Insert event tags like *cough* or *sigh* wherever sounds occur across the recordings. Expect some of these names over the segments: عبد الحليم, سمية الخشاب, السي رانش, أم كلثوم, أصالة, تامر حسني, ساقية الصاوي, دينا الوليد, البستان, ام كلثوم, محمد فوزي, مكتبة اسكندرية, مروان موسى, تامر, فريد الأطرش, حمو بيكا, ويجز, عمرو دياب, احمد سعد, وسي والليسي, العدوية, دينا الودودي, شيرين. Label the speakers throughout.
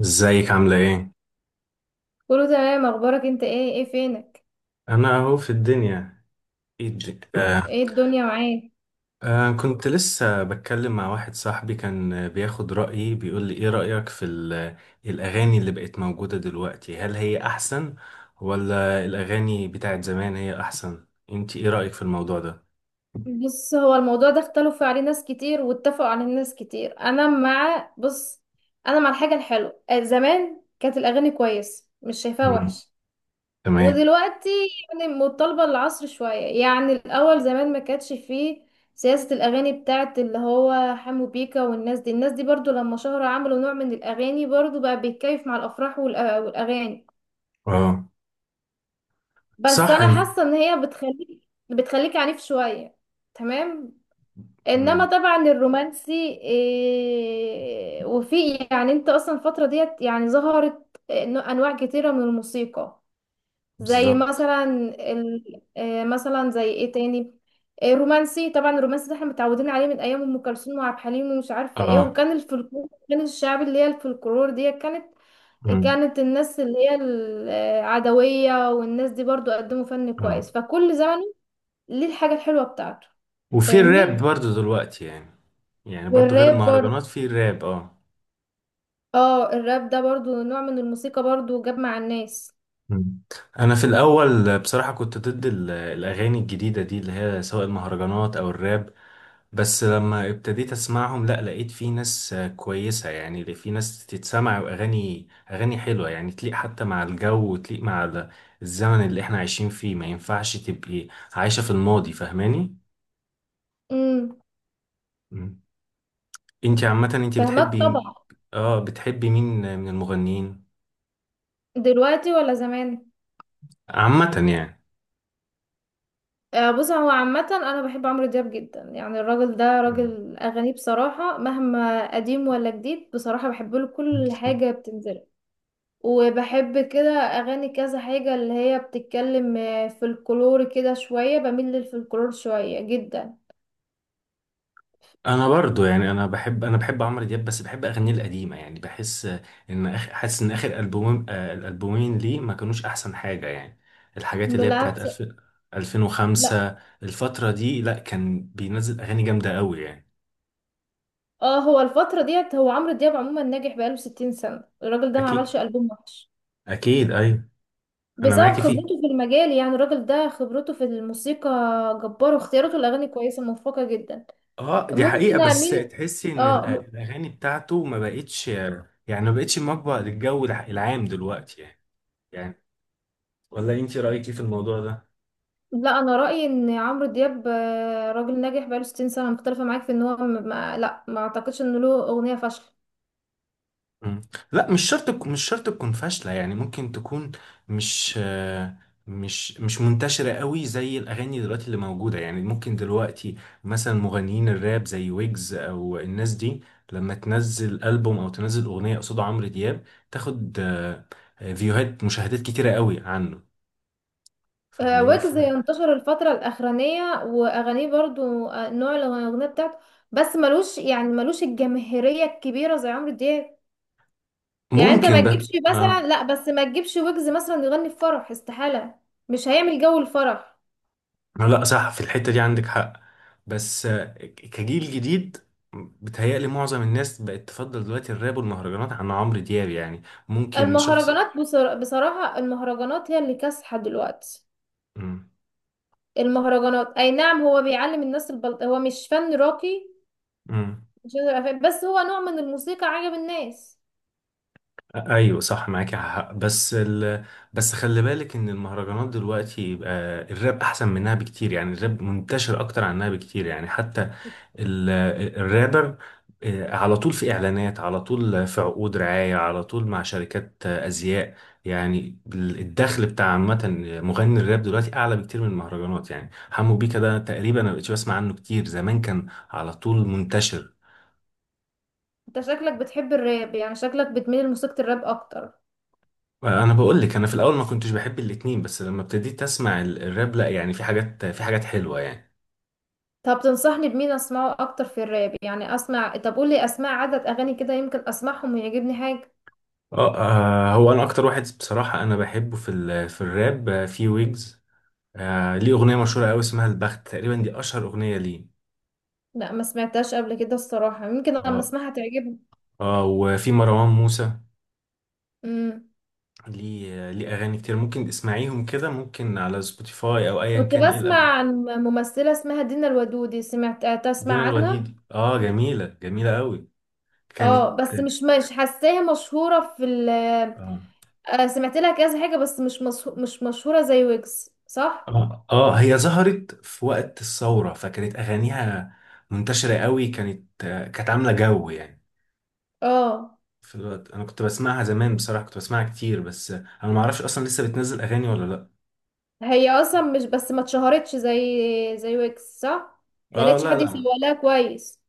Speaker 1: ازيك عاملة ايه؟
Speaker 2: كله تمام. اخبارك؟ انت ايه؟ ايه فينك؟
Speaker 1: انا اهو في الدنيا. ايه
Speaker 2: ايه الدنيا معاك؟
Speaker 1: آه، كنت لسه بتكلم مع واحد صاحبي كان بياخد رأيي، بيقول لي ايه رأيك في الاغاني اللي بقت موجودة دلوقتي؟ هل هي احسن ولا الاغاني بتاعت زمان هي احسن؟ انت ايه رأيك في الموضوع ده؟
Speaker 2: بص، هو الموضوع ده اختلفوا عليه ناس كتير واتفقوا عليه ناس كتير. انا مع بص، انا مع الحاجه الحلوه. زمان كانت الاغاني كويسه، مش شايفاها
Speaker 1: مم.
Speaker 2: وحش.
Speaker 1: تمام.
Speaker 2: ودلوقتي يعني متطلبه العصر شويه، يعني الاول زمان ما كانتش فيه سياسه الاغاني بتاعت اللي هو حمو بيكا والناس دي. الناس دي برضو لما شهروا عملوا نوع من الاغاني، برضو بقى بيتكيف مع الافراح والاغاني.
Speaker 1: اه،
Speaker 2: بس
Speaker 1: صح.
Speaker 2: انا
Speaker 1: انت.
Speaker 2: حاسه ان هي بتخليك عنيف شويه، تمام؟ انما
Speaker 1: مم.
Speaker 2: طبعا الرومانسي، إيه، وفي يعني انت اصلا الفتره ديت يعني ظهرت إنه انواع كتيره من الموسيقى، زي
Speaker 1: بالظبط.
Speaker 2: مثلا ال... آه، مثلا زي ايه تاني، رومانسي. طبعا الرومانسي ده احنا متعودين عليه من ايام ام كلثوم وعبد الحليم ومش عارف ايه.
Speaker 1: اه.
Speaker 2: وكان الفلكلور، كان الشعب اللي هي الفلكلور دي، كانت
Speaker 1: مم.
Speaker 2: كانت الناس اللي هي العدوية والناس دي برضو قدموا فن
Speaker 1: اه،
Speaker 2: كويس. فكل زمن ليه الحاجة الحلوة بتاعته،
Speaker 1: وفي الراب
Speaker 2: فاهمني.
Speaker 1: برضو دلوقتي يعني برضو غير
Speaker 2: والراب
Speaker 1: المهرجانات
Speaker 2: برضو،
Speaker 1: في الراب. اه.
Speaker 2: اه الراب ده برضو نوع من الموسيقى برضو جاب مع الناس.
Speaker 1: مم. انا في الاول بصراحه كنت ضد الاغاني الجديده دي اللي هي سواء المهرجانات او الراب. بس لما ابتديت اسمعهم لا، لقيت في ناس كويسه، يعني اللي في ناس تتسمع، واغاني اغاني حلوه يعني تليق حتى مع الجو وتليق مع الزمن اللي احنا عايشين فيه. ما ينفعش تبقي عايشه في الماضي، فاهماني؟
Speaker 2: امم
Speaker 1: مم. انتي عامه، انتي
Speaker 2: فاهمات طبعا.
Speaker 1: بتحبي مين من المغنيين؟
Speaker 2: دلوقتي ولا زمان؟
Speaker 1: عامه يعني.
Speaker 2: بص، هو عامة أنا بحب عمرو دياب جدا. يعني الراجل ده
Speaker 1: مم.
Speaker 2: راجل أغانيه بصراحة مهما قديم ولا جديد بصراحة بحب له كل حاجة بتنزل. وبحب كده أغاني كذا حاجة اللي هي بتتكلم فلكلور كده شوية، بميل للفلكلور شوية جدا.
Speaker 1: انا برضو يعني انا بحب عمرو دياب، بس بحب اغانيه القديمه يعني. بحس ان حاسس ان اخر البومين آه، الالبومين ليه ما كانوش احسن حاجه يعني. الحاجات اللي هي بتاعت
Speaker 2: بالعكس.
Speaker 1: 2000،
Speaker 2: لا،
Speaker 1: 2005، الفتره دي، لا كان بينزل اغاني جامده قوي يعني.
Speaker 2: اه هو الفترة ديت هو عمرو دياب عموما ناجح بقاله 60 سنة، الراجل ده ما عملش
Speaker 1: اكيد.
Speaker 2: ألبوم وحش
Speaker 1: اكيد، ايوه. انا
Speaker 2: بسبب
Speaker 1: معاكي فيه.
Speaker 2: خبرته في المجال. يعني الراجل ده خبرته في الموسيقى جبارة، واختياراته الأغاني كويسة موفقة جدا.
Speaker 1: اه، دي حقيقه،
Speaker 2: ممكن
Speaker 1: بس
Speaker 2: اميل.
Speaker 1: تحسي ان
Speaker 2: اه م-
Speaker 1: الاغاني بتاعته ما بقتش، يعني ما بقتش مقبل للجو العام دلوقتي يعني. يعني ولا انت رايك ايه في الموضوع ده؟
Speaker 2: لا، انا رايي ان عمرو دياب راجل ناجح بقاله 60 سنه، مختلفه معاك في ان هو م- ما لا، ما اعتقدش انه له اغنيه فاشله.
Speaker 1: مم. لا، مش شرط مش شرط تكون فاشلة يعني. ممكن تكون مش آه، مش مش منتشرة قوي زي الأغاني دلوقتي اللي موجودة. يعني ممكن دلوقتي مثلا مغنيين الراب زي ويجز أو الناس دي لما تنزل ألبوم أو تنزل أغنية قصاد عمرو دياب، تاخد فيوهات، مشاهدات كتيرة قوي عنه، فاهماني؟ ف-
Speaker 2: ويجز انتشر الفتره الاخرانيه واغانيه برضو، نوع الاغنيه بتاعته، بس ملوش يعني ملوش الجماهيريه الكبيره زي عمرو دياب.
Speaker 1: ممكن
Speaker 2: يعني انت ما
Speaker 1: ممكن
Speaker 2: تجيبش
Speaker 1: ده،
Speaker 2: مثلا،
Speaker 1: اه.
Speaker 2: لا بس ما تجيبش ويجز مثلا يغني في فرح، استحاله، مش هيعمل جو الفرح.
Speaker 1: لا صح، في الحتة دي عندك حق. بس كجيل جديد بتهيألي معظم الناس بقت تفضل دلوقتي الراب والمهرجانات عن عمرو دياب يعني. ممكن شخص.
Speaker 2: المهرجانات بصراحه المهرجانات هي اللي كاسحه دلوقتي.
Speaker 1: مم.
Speaker 2: المهرجانات اي نعم هو بيعلم الناس البلط، هو مش فن راقي،
Speaker 1: مم.
Speaker 2: مش هقدر أفهم. بس هو نوع من الموسيقى عجب الناس.
Speaker 1: ايوه، صح، معاك حق. بس خلي بالك ان المهرجانات دلوقتي بقى الراب احسن منها بكتير يعني. الراب منتشر اكتر عنها بكتير يعني. حتى ال- الرابر على طول في اعلانات، على طول في عقود رعاية، على طول مع شركات ازياء. يعني الدخل بتاع عامة مغني الراب دلوقتي اعلى بكتير من المهرجانات يعني. حمو بيكا ده تقريبا انا مبقتش بسمع عنه كتير. زمان كان على طول منتشر.
Speaker 2: انت شكلك بتحب الراب، يعني شكلك بتميل لموسيقى الراب اكتر؟
Speaker 1: انا بقول لك، انا في الاول ما كنتش بحب الاتنين، بس لما ابتديت اسمع الراب لا، يعني في حاجات حلوة يعني.
Speaker 2: طب تنصحني بمين اسمعه اكتر في الراب؟ يعني اسمع، طب قولي اسمع عدد اغاني كده يمكن اسمعهم ويعجبني حاجة.
Speaker 1: اه. هو انا اكتر واحد بصراحة انا بحبه في في الراب في ويجز. ليه أغنية مشهورة أوي اسمها البخت تقريبا، دي أشهر أغنية ليه.
Speaker 2: لا، ما سمعتهاش قبل كده الصراحة، يمكن لما
Speaker 1: اه.
Speaker 2: اسمعها تعجبني.
Speaker 1: اه، وفي مروان موسى،
Speaker 2: امم.
Speaker 1: ليه أغاني كتير ممكن تسمعيهم كده، ممكن على سبوتيفاي أو أيا
Speaker 2: كنت
Speaker 1: كان. إيه
Speaker 2: بسمع
Speaker 1: الأب
Speaker 2: عن ممثلة اسمها دينا الودودي، سمعت تسمع
Speaker 1: دينا
Speaker 2: عنها؟
Speaker 1: الوليد، اه، جميلة، جميلة أوي.
Speaker 2: اه،
Speaker 1: كانت.
Speaker 2: بس مش مش حاساها مشهورة في ال،
Speaker 1: اه.
Speaker 2: سمعت لها كذا حاجة بس مش مشهورة زي ويجز، صح؟
Speaker 1: اه. اه، هي ظهرت في وقت الثورة فكانت أغانيها منتشرة أوي. كانت. كانت عاملة جو يعني
Speaker 2: اه،
Speaker 1: في الوقت. أنا كنت بسمعها زمان بصراحة، كنت بسمعها كتير، بس أنا معرفش أصلا لسه بتنزل أغاني ولا لأ.
Speaker 2: هي اصلا مش بس ما اتشهرتش زي ويجز، صح؟ ما
Speaker 1: اه.
Speaker 2: لقيتش
Speaker 1: لا،
Speaker 2: حد يسوق
Speaker 1: لا،
Speaker 2: لها كويس.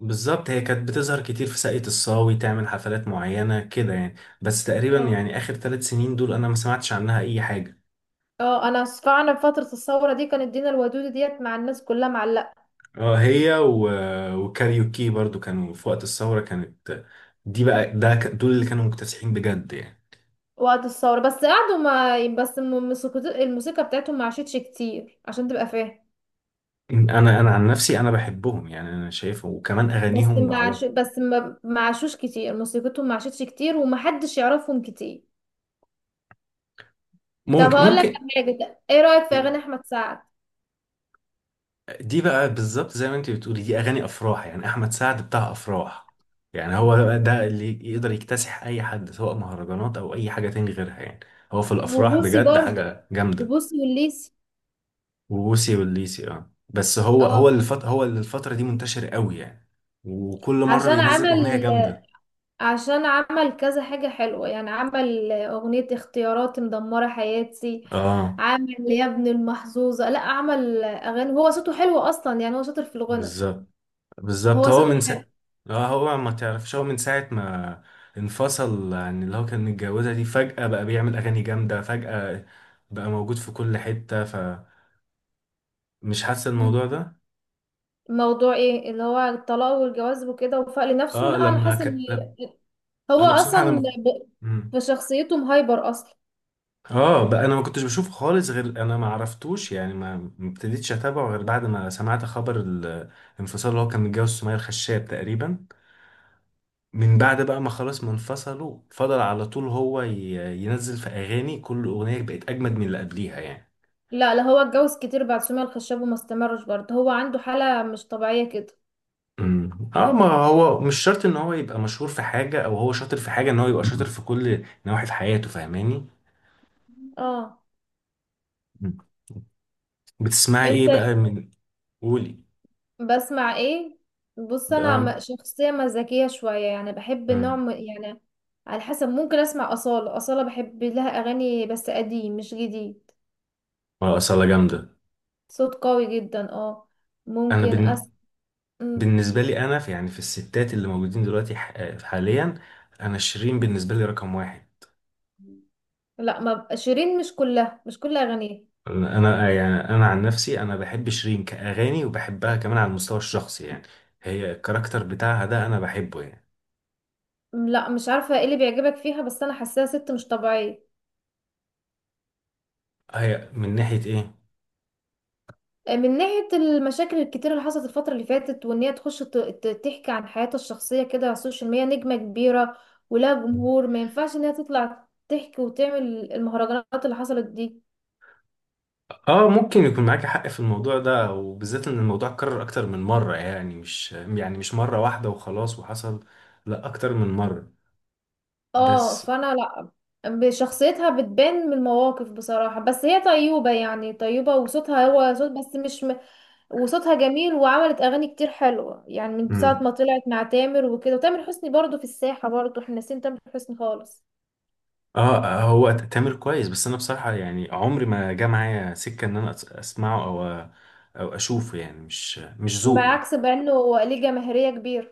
Speaker 1: بالظبط. هي كانت بتظهر كتير في ساقية الصاوي، تعمل حفلات معينة كده يعني. بس تقريبا
Speaker 2: اه
Speaker 1: يعني آخر 3 سنين دول أنا ما سمعتش عنها أي حاجة.
Speaker 2: اه، انا فعلا فترة الثورة دي كانت دينا الودود ديت مع الناس كلها معلقة.
Speaker 1: اه. وكاريوكي برضو كانوا في وقت الثورة. كانت دي بقى دول اللي كانوا مكتسحين بجد يعني.
Speaker 2: وقت الثورة بس قعدوا، ما بس الموسيقى بتاعتهم ما عاشتش كتير عشان تبقى فاهم.
Speaker 1: أنا عن نفسي أنا بحبهم يعني. أنا شايفه، وكمان أغانيهم. على
Speaker 2: بس ما عاشوش كتير، موسيقتهم ما عاشتش كتير ومحدش يعرفهم كتير. طب
Speaker 1: ممكن
Speaker 2: هقول لك
Speaker 1: ممكن
Speaker 2: على حاجة، ايه رأيك في اغاني احمد سعد؟
Speaker 1: دي بقى بالظبط زي ما انت بتقولي، دي اغاني افراح. يعني احمد سعد بتاع افراح يعني. هو ده اللي يقدر يكتسح اي حد، سواء مهرجانات او اي حاجه تاني غيرها يعني. هو في الافراح
Speaker 2: وبوسي
Speaker 1: بجد
Speaker 2: برضه
Speaker 1: حاجه جامده.
Speaker 2: وبوسي والليسي.
Speaker 1: ووسي والليسي، اه. بس
Speaker 2: اه
Speaker 1: هو اللي الفتره دي منتشر قوي يعني. وكل مره
Speaker 2: عشان
Speaker 1: بينزل اغنيه
Speaker 2: عمل
Speaker 1: جامده.
Speaker 2: عشان عمل كذا حاجة حلوة. يعني عمل أغنية اختيارات مدمرة حياتي،
Speaker 1: اه،
Speaker 2: عمل يا ابن المحظوظة، لا عمل أغاني. هو صوته حلو أصلا، يعني هو شاطر في الغنى.
Speaker 1: بالظبط، بالظبط.
Speaker 2: هو صوته حلو.
Speaker 1: اه، هو ما تعرفش، هو من ساعة ما انفصل عن اللي هو كان متجوزها دي، فجأة بقى بيعمل أغاني جامدة فجأة. بقى موجود في كل حتة، فمش حاسس
Speaker 2: مم.
Speaker 1: الموضوع ده.
Speaker 2: موضوع ايه اللي هو الطلاق والجواز وكده، وفاق لنفسه؟
Speaker 1: اه.
Speaker 2: لا، أنا
Speaker 1: لما
Speaker 2: حاسة
Speaker 1: ك... لم-
Speaker 2: إن هو
Speaker 1: انا بصراحة
Speaker 2: أصلا
Speaker 1: مم.
Speaker 2: بشخصيته مهايبر أصلا.
Speaker 1: اه، بقى انا ما كنتش بشوف خالص، غير انا ما عرفتوش يعني، ما ابتديتش اتابعه غير بعد ما سمعت خبر الانفصال اللي هو كان متجوز سمية الخشاب تقريبا. من بعد بقى ما خلاص ما انفصلوا، فضل على طول هو ينزل في اغاني، كل اغنيه بقت اجمد من اللي قبليها يعني.
Speaker 2: لا لا، هو اتجوز كتير بعد سمية الخشاب وما استمرش برضه، هو عنده حالة مش طبيعية كده.
Speaker 1: اه، ما هو مش شرط ان هو يبقى مشهور في حاجه او هو شاطر في حاجه ان هو يبقى شاطر في كل نواحي في حياته، فاهماني؟
Speaker 2: اه.
Speaker 1: مم. بتسمعي ايه
Speaker 2: انت
Speaker 1: بقى من... قولي.
Speaker 2: بسمع ايه؟ بص، انا شخصيه مزاجيه شويه، يعني بحب النوع
Speaker 1: امم
Speaker 2: يعني على حسب. ممكن اسمع اصاله، اصاله بحب لها اغاني بس قديم مش جديد.
Speaker 1: اصلا جامده.
Speaker 2: صوت قوي جدا، اه.
Speaker 1: انا
Speaker 2: ممكن
Speaker 1: بن...
Speaker 2: أس... مم.
Speaker 1: بالنسبه لي، انا في يعني في الستات اللي موجودين دلوقتي حاليا، انا شيرين بالنسبه لي رقم واحد.
Speaker 2: لا، ما شيرين مش كل اغانيها.
Speaker 1: انا يعني انا عن نفسي انا بحب شيرين كاغاني، وبحبها كمان على المستوى الشخصي يعني. هي الكاركتر بتاعها ده انا بحبه يعني.
Speaker 2: لا، مش عارفه ايه اللي بيعجبك فيها بس انا حاساها ست مش طبيعيه.
Speaker 1: هي من ناحيه ايه؟
Speaker 2: من ناحية المشاكل الكتيرة اللي حصلت الفترة اللي فاتت، وإن هي تخش تحكي عن حياتها الشخصية كده على السوشيال ميديا. نجمة كبيرة ولها جمهور، ما ينفعش إن هي تطلع تحكي وتعمل المهرجانات اللي حصلت دي.
Speaker 1: اه، ممكن يكون معاك حق في الموضوع ده، وبالذات ان الموضوع اتكرر اكتر من مره. يعني مش يعني مش مره واحده وخلاص وحصل، لا اكتر من مره.
Speaker 2: اه،
Speaker 1: بس.
Speaker 2: فأنا لأ. بشخصيتها بتبان من المواقف بصراحة. بس هي طيوبة يعني طيوبة، وصوتها هو صوت بس مش م... وصوتها جميل وعملت أغاني كتير حلوة. يعني من ساعة
Speaker 1: مم.
Speaker 2: ما طلعت مع تامر وكده، وتامر حسني برضو في الساحة، برضو احنا ناسيين تامر حسني خالص.
Speaker 1: اه، هو تامر كويس، بس انا بصراحه يعني عمري ما جه معايا سكه ان انا اسمعه او او اشوفه يعني. مش
Speaker 2: بعكس
Speaker 1: ذوقي.
Speaker 2: بقى انه ليه جماهيرية كبيرة.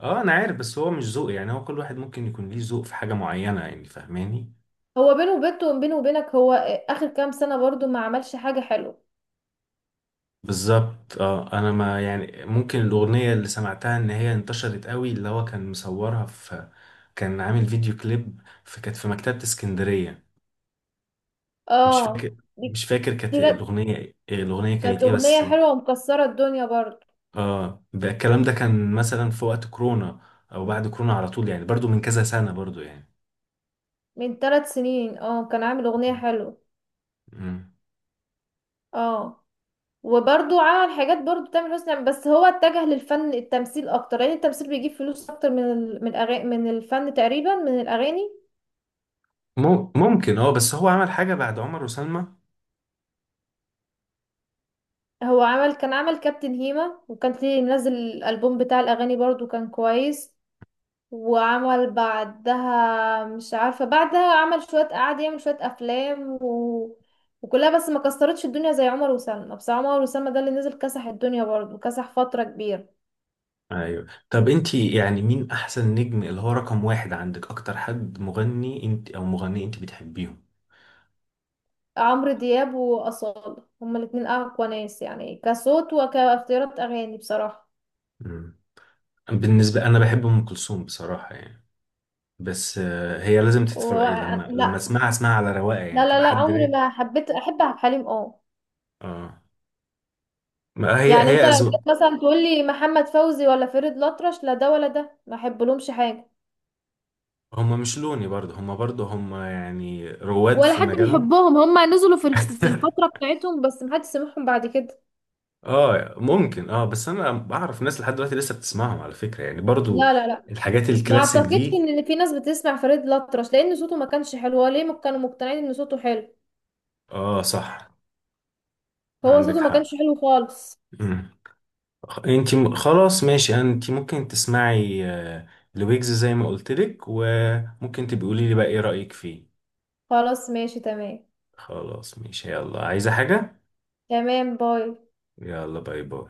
Speaker 1: اه، انا عارف، بس هو مش ذوقي يعني. هو كل واحد ممكن يكون ليه ذوق في حاجة معينة يعني، فاهماني؟
Speaker 2: هو بينه وبينك، هو اخر كام سنة برضو ما عملش حاجة حلوة.
Speaker 1: بالظبط، اه. انا ما يعني ممكن الاغنية اللي سمعتها ان هي انتشرت قوي اللي هو كان مصورها في... كان عامل فيديو كليب في... كانت في مكتبة اسكندرية. مش
Speaker 2: اه،
Speaker 1: فاكر
Speaker 2: دي
Speaker 1: مش فاكر كانت
Speaker 2: دي كانت
Speaker 1: الاغنية الاغنية
Speaker 2: كانت
Speaker 1: كانت ايه بس.
Speaker 2: اغنية حلوة ومكسرة الدنيا برضو.
Speaker 1: اه، بقى الكلام ده كان مثلا في وقت كورونا او بعد كورونا على طول يعني، برضو من كذا سنة برضو يعني.
Speaker 2: من 3 سنين، اه، كان عامل اغنية
Speaker 1: مم.
Speaker 2: حلوة. اه. وبرضو عمل حاجات برضو تامر حسني، يعني بس هو اتجه للفن التمثيل اكتر لان التمثيل بيجيب فلوس اكتر من من الأغاني، من الفن تقريبا من الاغاني.
Speaker 1: مم. ممكن. اه، بس هو عمل حاجة بعد عمر وسلمى.
Speaker 2: هو عمل، كان عمل كابتن هيما، وكان ليه منزل الالبوم بتاع الاغاني برضو كان كويس. وعمل بعدها مش عارفة بعدها عمل شوية، قعد يعمل شوية أفلام، وكلها بس ما كسرتش الدنيا زي عمر وسلمى. بس عمر وسلمى ده اللي نزل كسح الدنيا برضه، كسح فترة كبيرة.
Speaker 1: ايوه. طب انت يعني مين احسن نجم اللي هو رقم واحد عندك، اكتر حد مغني انت او مغني انت بتحبيهم؟
Speaker 2: عمرو دياب وأصالة هما الاتنين أقوى ناس يعني كصوت وكاختيارات أغاني بصراحة.
Speaker 1: مم. بالنسبه انا بحب ام كلثوم بصراحه يعني. بس هي لازم
Speaker 2: و...
Speaker 1: تتفرق. لما
Speaker 2: لا
Speaker 1: اسمعها على رواقه
Speaker 2: لا
Speaker 1: يعني،
Speaker 2: لا
Speaker 1: تبقى
Speaker 2: لا،
Speaker 1: حد
Speaker 2: عمري
Speaker 1: رايق.
Speaker 2: ما حبيت أحب عبد الحليم، اه.
Speaker 1: اه، ما هي
Speaker 2: يعني انت
Speaker 1: هي
Speaker 2: لو
Speaker 1: اذواق.
Speaker 2: جيت مثلا تقولي محمد فوزي ولا فريد الأطرش، لا ده ولا ده ما احبلهمش حاجة.
Speaker 1: هم مش لوني، برضه هم يعني رواد
Speaker 2: ولا
Speaker 1: في
Speaker 2: حد
Speaker 1: مجالهم.
Speaker 2: بيحبهم، هم نزلوا في في الفترة
Speaker 1: *laughs*
Speaker 2: بتاعتهم بس محدش سمعهم بعد كده.
Speaker 1: اه، ممكن، اه، بس انا بعرف ناس لحد دلوقتي لسه بتسمعهم على فكره، يعني برضه
Speaker 2: لا لا لا،
Speaker 1: الحاجات
Speaker 2: ما
Speaker 1: الكلاسيك
Speaker 2: اعتقدش
Speaker 1: دي.
Speaker 2: ان في ناس بتسمع فريد الأطرش لان صوته ما كانش حلو، هو ليه كانوا مقتنعين ان صوته حلو.
Speaker 1: اه، صح،
Speaker 2: هو
Speaker 1: عندك
Speaker 2: صوته ما كانش
Speaker 1: حق.
Speaker 2: حلو خالص.
Speaker 1: مم. خلاص ماشي، انت ممكن تسمعي لويجز زي ما قلت لك، وممكن تبقي قولي لي بقى ايه رأيك فيه.
Speaker 2: خلاص ماشي تمام.
Speaker 1: خلاص ماشي، يلا. عايزة حاجة؟
Speaker 2: تمام، باي.
Speaker 1: يلا، باي باي.